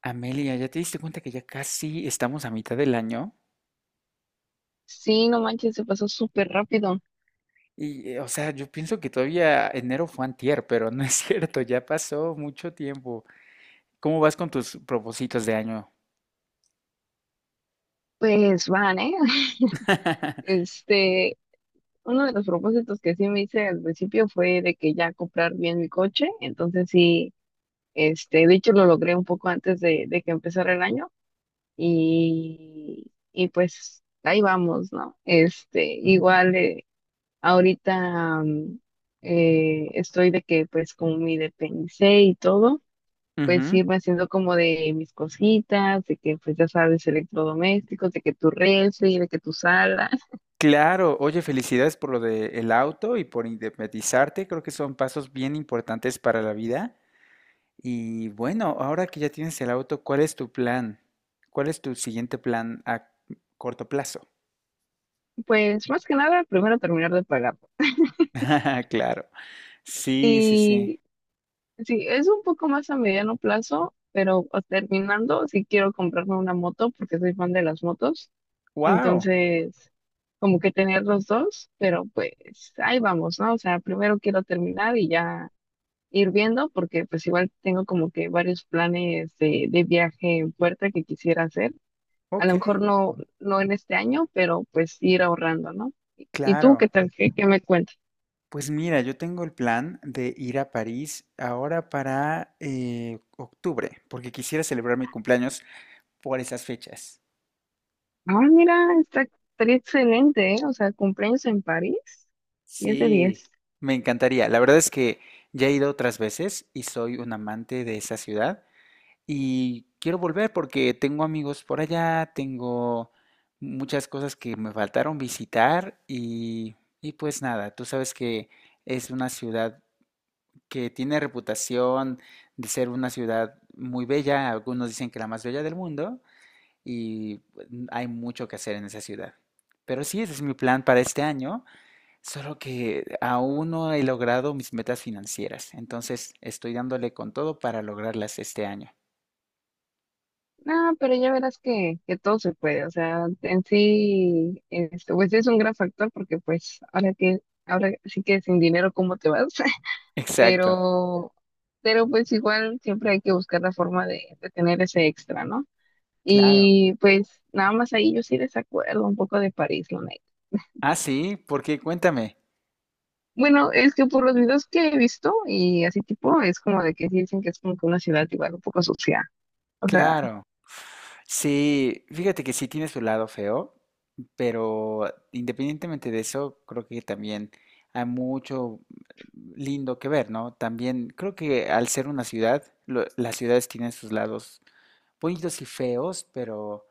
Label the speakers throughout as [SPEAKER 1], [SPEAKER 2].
[SPEAKER 1] Amelia, ¿ya te diste cuenta que ya casi estamos a mitad del año?
[SPEAKER 2] Sí, no manches, se pasó súper rápido.
[SPEAKER 1] Y, o sea, yo pienso que todavía enero fue antier, pero no es cierto, ya pasó mucho tiempo. ¿Cómo vas con tus propósitos de año?
[SPEAKER 2] Pues van, ¿eh? Este, uno de los propósitos que sí me hice al principio fue de que ya comprar bien mi coche. Entonces sí, de hecho lo logré un poco antes de que empezara el año. Y pues ahí vamos, ¿no? Este, igual ahorita estoy de que pues como me independicé y todo. Pues
[SPEAKER 1] Ujú.
[SPEAKER 2] irme haciendo como de mis cositas, de que pues ya sabes, electrodomésticos, de que tu refri, de que tu sala.
[SPEAKER 1] Claro, oye, felicidades por lo del auto y por independizarte. Creo que son pasos bien importantes para la vida. Y bueno, ahora que ya tienes el auto, ¿cuál es tu plan? ¿Cuál es tu siguiente plan a corto plazo?
[SPEAKER 2] Pues más que nada primero terminar de pagar.
[SPEAKER 1] Claro, sí, sí, sí.
[SPEAKER 2] Y sí, es un poco más a mediano plazo, pero terminando, sí quiero comprarme una moto porque soy fan de las motos.
[SPEAKER 1] Wow,
[SPEAKER 2] Entonces como que tener los dos, pero pues ahí vamos, ¿no? O sea, primero quiero terminar y ya ir viendo porque pues igual tengo como que varios planes de viaje en puerta que quisiera hacer. A
[SPEAKER 1] ok.
[SPEAKER 2] lo mejor no, no en este año, pero pues ir ahorrando, ¿no? ¿Y tú
[SPEAKER 1] Claro,
[SPEAKER 2] qué tal? ¿Qué me cuentas?
[SPEAKER 1] pues mira, yo tengo el plan de ir a París ahora para octubre, porque quisiera celebrar mi cumpleaños por esas fechas.
[SPEAKER 2] Ah, mira, estaría excelente, ¿eh? O sea, cumpleaños en París, 10 de
[SPEAKER 1] Sí,
[SPEAKER 2] diez.
[SPEAKER 1] me encantaría. La verdad es que ya he ido otras veces y soy un amante de esa ciudad y quiero volver porque tengo amigos por allá, tengo muchas cosas que me faltaron visitar y pues nada, tú sabes que es una ciudad que tiene reputación de ser una ciudad muy bella, algunos dicen que la más bella del mundo, y pues, hay mucho que hacer en esa ciudad. Pero sí, ese es mi plan para este año, solo que aún no he logrado mis metas financieras, entonces estoy dándole con todo para lograrlas este año.
[SPEAKER 2] No, pero ya verás que todo se puede. O sea, en sí, pues es un gran factor porque pues ahora sí que sin dinero, ¿cómo te vas?
[SPEAKER 1] Exacto,
[SPEAKER 2] Pero, pero pues igual siempre hay que buscar la forma de tener ese extra, ¿no?
[SPEAKER 1] claro.
[SPEAKER 2] Y pues nada más ahí yo sí desacuerdo un poco de París, la neta.
[SPEAKER 1] Ah, sí, porque cuéntame.
[SPEAKER 2] Bueno, es que por los videos que he visto y así tipo, es como de que sí dicen que es como que una ciudad igual un poco sucia. O sea,
[SPEAKER 1] Claro. Sí, fíjate que sí tiene su lado feo, pero independientemente de eso, creo que también hay mucho lindo que ver, ¿no? También creo que al ser una ciudad, las ciudades tienen sus lados bonitos y feos, pero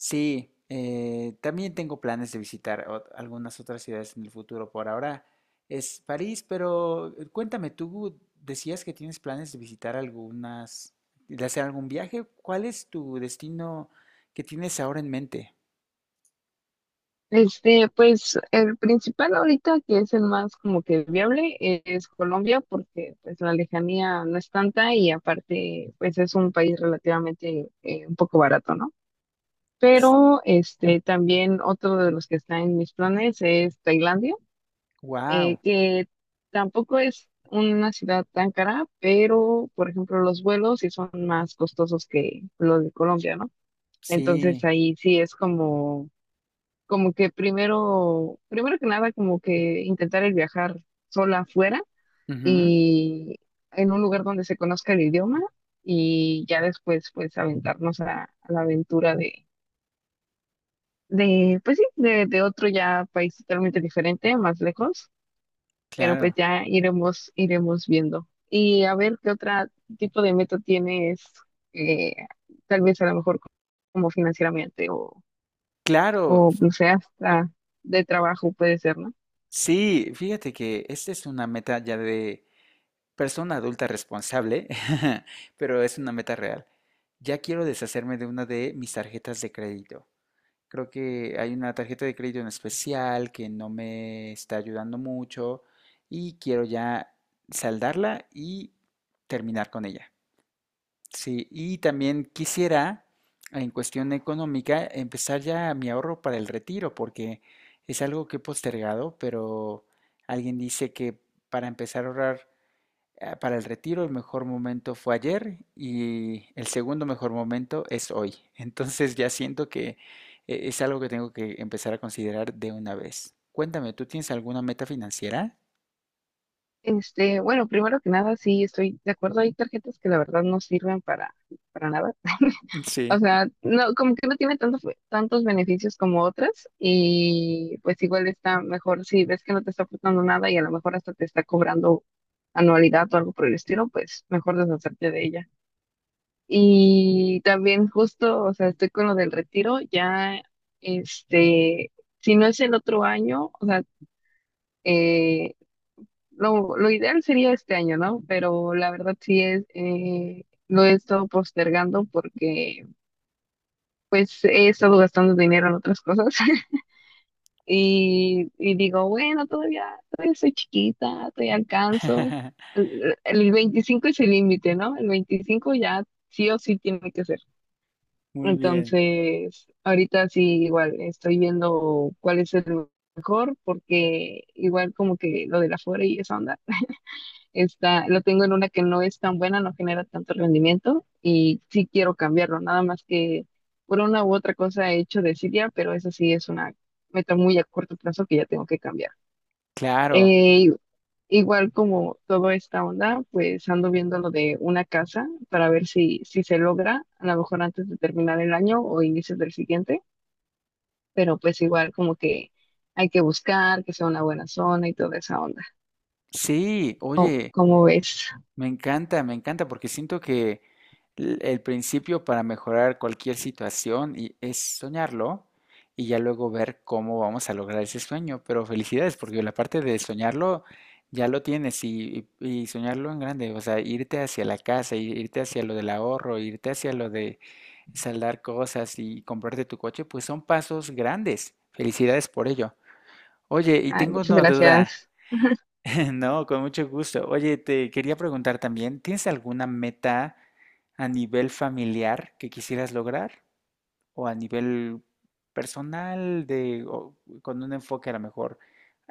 [SPEAKER 1] sí, también tengo planes de visitar algunas otras ciudades en el futuro. Por ahora es París, pero cuéntame, tú decías que tienes planes de visitar algunas, de hacer algún viaje. ¿Cuál es tu destino que tienes ahora en mente?
[SPEAKER 2] pues el principal ahorita que es el más como que viable es Colombia porque pues la lejanía no es tanta, y aparte pues es un país relativamente un poco barato, ¿no? Pero también otro de los que está en mis planes es Tailandia,
[SPEAKER 1] Wow,
[SPEAKER 2] que tampoco es una ciudad tan cara, pero por ejemplo los vuelos sí son más costosos que los de Colombia, ¿no? Entonces
[SPEAKER 1] sí,
[SPEAKER 2] ahí sí es como que primero que nada, como que intentar el viajar sola afuera,
[SPEAKER 1] ujú,
[SPEAKER 2] y en un lugar donde se conozca el idioma, y ya después pues aventarnos a la aventura de pues sí, de otro ya país totalmente diferente, más lejos, pero pues
[SPEAKER 1] claro,
[SPEAKER 2] ya iremos viendo. Y a ver qué otro tipo de meta tienes, eh, tal vez a lo mejor como financieramente
[SPEAKER 1] claro,
[SPEAKER 2] o no sé, hasta de trabajo puede ser, ¿no?
[SPEAKER 1] sí. Fíjate que esta es una meta ya de persona adulta responsable, pero es una meta real. Ya quiero deshacerme de una de mis tarjetas de crédito. Creo que hay una tarjeta de crédito en especial que no me está ayudando mucho y quiero ya saldarla y terminar con ella. Sí, y también quisiera, en cuestión económica, empezar ya mi ahorro para el retiro, porque es algo que he postergado, pero alguien dice que para empezar a ahorrar ah, para el retiro el mejor momento fue ayer y el segundo mejor momento es hoy. Entonces ya siento que es algo que tengo que empezar a considerar de una vez. Cuéntame, ¿tú tienes alguna meta financiera?
[SPEAKER 2] Bueno, primero que nada, sí, estoy de acuerdo. Hay tarjetas que la verdad no sirven para nada. O
[SPEAKER 1] Sí.
[SPEAKER 2] sea, no, como que no tiene tantos beneficios como otras, y pues igual está mejor si ves que no te está aportando nada y a lo mejor hasta te está cobrando anualidad o algo por el estilo. Pues mejor deshacerte de ella. Y también justo, o sea, estoy con lo del retiro, ya, este, si no es el otro año, o sea, eh, lo ideal sería este año, ¿no? Pero la verdad sí es, lo he estado postergando porque pues he estado gastando dinero en otras cosas. Y digo, bueno, todavía soy chiquita, todavía alcanzo. El 25 es el límite, ¿no? El 25 ya sí o sí tiene que ser.
[SPEAKER 1] Muy bien.
[SPEAKER 2] Entonces, ahorita sí igual estoy viendo cuál es el mejor porque igual como que lo de la fuera y esa onda. Lo tengo en una que no es tan buena, no genera tanto rendimiento y sí quiero cambiarlo, nada más que por una u otra cosa he hecho desidia, pero eso sí es una meta muy a corto plazo que ya tengo que cambiar.
[SPEAKER 1] Claro.
[SPEAKER 2] Eh, Igual como toda esta onda, pues ando viendo lo de una casa para ver si se logra, a lo mejor antes de terminar el año o inicios del siguiente, pero pues igual como que hay que buscar que sea una buena zona y toda esa onda.
[SPEAKER 1] Sí, oye,
[SPEAKER 2] Cómo ves?
[SPEAKER 1] me encanta, me encanta, porque siento que el principio para mejorar cualquier situación es soñarlo y ya luego ver cómo vamos a lograr ese sueño. Pero felicidades, porque la parte de soñarlo ya lo tienes y y soñarlo en grande, o sea, irte hacia la casa, irte hacia lo del ahorro, irte hacia lo de saldar cosas y comprarte tu coche, pues son pasos grandes. Felicidades por ello. Oye, y
[SPEAKER 2] Ay,
[SPEAKER 1] tengo
[SPEAKER 2] muchas
[SPEAKER 1] una duda.
[SPEAKER 2] gracias.
[SPEAKER 1] No, con mucho gusto. Oye, te quería preguntar también, ¿tienes alguna meta a nivel familiar que quisieras lograr? ¿O a nivel personal, de, o con un enfoque a lo mejor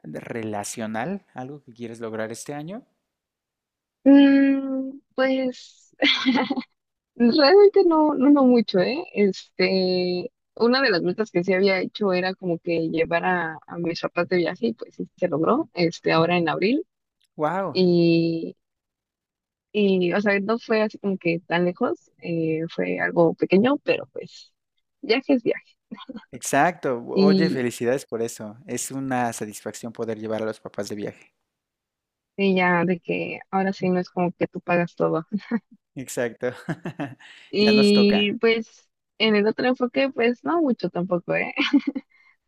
[SPEAKER 1] de relacional, algo que quieres lograr este año?
[SPEAKER 2] Pues realmente no, no, no mucho, ¿eh? Una de las metas que sí había hecho era como que llevar a mis papás de viaje, y pues sí se logró, ahora en abril.
[SPEAKER 1] ¡Wow!
[SPEAKER 2] Y, o sea, no fue así como que tan lejos, fue algo pequeño, pero pues viaje es viaje.
[SPEAKER 1] Exacto. Oye,
[SPEAKER 2] Y,
[SPEAKER 1] felicidades por eso. Es una satisfacción poder llevar a los papás de viaje.
[SPEAKER 2] y ya de que ahora sí no es como que tú pagas todo.
[SPEAKER 1] Exacto. Ya nos toca.
[SPEAKER 2] Y pues en el otro enfoque, pues no mucho tampoco, ¿eh?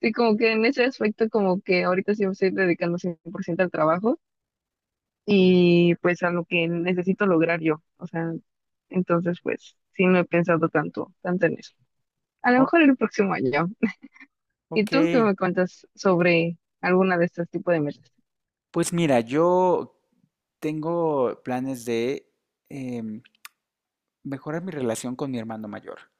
[SPEAKER 2] Sí, como que en ese aspecto, como que ahorita sí me estoy dedicando 100% al trabajo y pues a lo que necesito lograr yo. O sea, entonces pues sí no he pensado tanto en eso. A lo
[SPEAKER 1] Oh,
[SPEAKER 2] mejor el próximo año. ¿Y tú qué
[SPEAKER 1] ok.
[SPEAKER 2] me cuentas sobre alguna de estos tipos de metas?
[SPEAKER 1] Pues mira, yo tengo planes de em, mejorar mi relación con mi hermano mayor.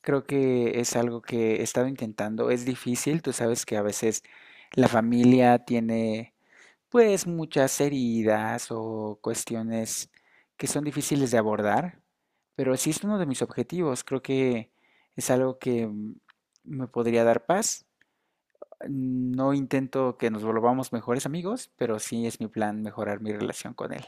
[SPEAKER 1] Creo que es algo que he estado intentando. Es difícil, tú sabes que a veces la familia tiene pues muchas heridas o cuestiones que son difíciles de abordar, pero sí es uno de mis objetivos. Creo que es algo que mm, me podría dar paz. No intento que nos volvamos mejores amigos, pero sí es mi plan mejorar mi relación con él.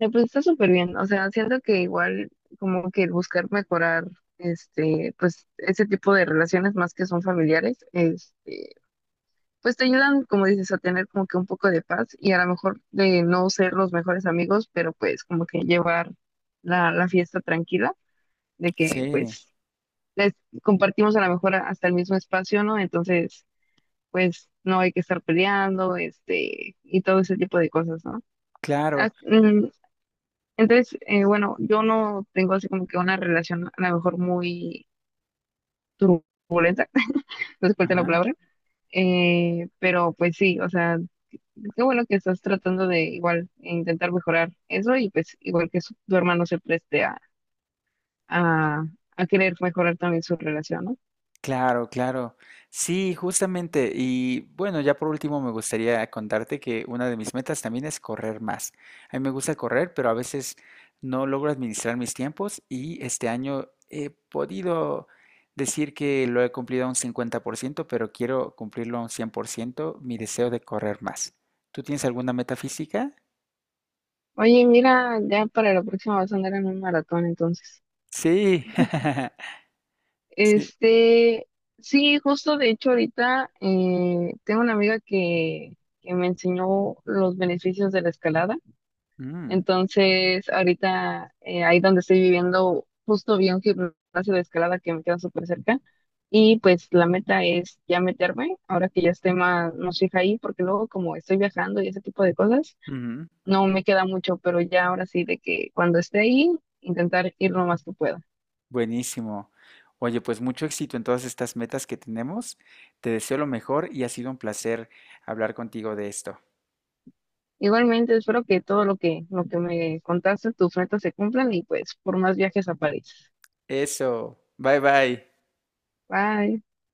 [SPEAKER 2] Pues está súper bien. O sea, siento que igual como que el buscar mejorar pues ese tipo de relaciones más que son familiares, pues te ayudan, como dices, a tener como que un poco de paz y a lo mejor de no ser los mejores amigos, pero pues como que llevar la fiesta tranquila, de que
[SPEAKER 1] Sí,
[SPEAKER 2] pues les compartimos a lo mejor hasta el mismo espacio, ¿no? Entonces, pues no hay que estar peleando, y todo ese tipo de cosas, ¿no? Ah,
[SPEAKER 1] claro,
[SPEAKER 2] mm, Entonces, bueno, yo no tengo así como que una relación a lo mejor muy turbulenta, no sé cuál es la
[SPEAKER 1] ajá,
[SPEAKER 2] palabra, pero pues sí, o sea, qué bueno que estás tratando de igual intentar mejorar eso, y pues igual que tu hermano se preste a, a querer mejorar también su relación, ¿no?
[SPEAKER 1] claro, claro. Sí, justamente. Y bueno, ya por último me gustaría contarte que una de mis metas también es correr más. A mí me gusta correr, pero a veces no logro administrar mis tiempos y este año he podido decir que lo he cumplido a un 50%, pero quiero cumplirlo a un 100%. Mi deseo de correr más. ¿Tú tienes alguna meta física?
[SPEAKER 2] Oye, mira, ya para la próxima vas a andar en un maratón entonces.
[SPEAKER 1] Sí, sí.
[SPEAKER 2] Este, sí, justo de hecho ahorita tengo una amiga que me enseñó los beneficios de la escalada.
[SPEAKER 1] Mm,
[SPEAKER 2] Entonces, ahorita ahí donde estoy viviendo, justo vi un gimnasio de escalada que me queda súper cerca. Y pues la meta es ya meterme, ahora que ya esté más fija ahí, porque luego como estoy viajando y ese tipo de cosas,
[SPEAKER 1] ujú.
[SPEAKER 2] no me queda mucho, pero ya ahora sí de que cuando esté ahí, intentar ir lo más que pueda.
[SPEAKER 1] Buenísimo. Oye, pues mucho éxito en todas estas metas que tenemos. Te deseo lo mejor y ha sido un placer hablar contigo de esto.
[SPEAKER 2] Igualmente, espero que todo lo que me contaste, tus metas se cumplan y pues por más viajes a París.
[SPEAKER 1] Eso. Bye bye.
[SPEAKER 2] Bye.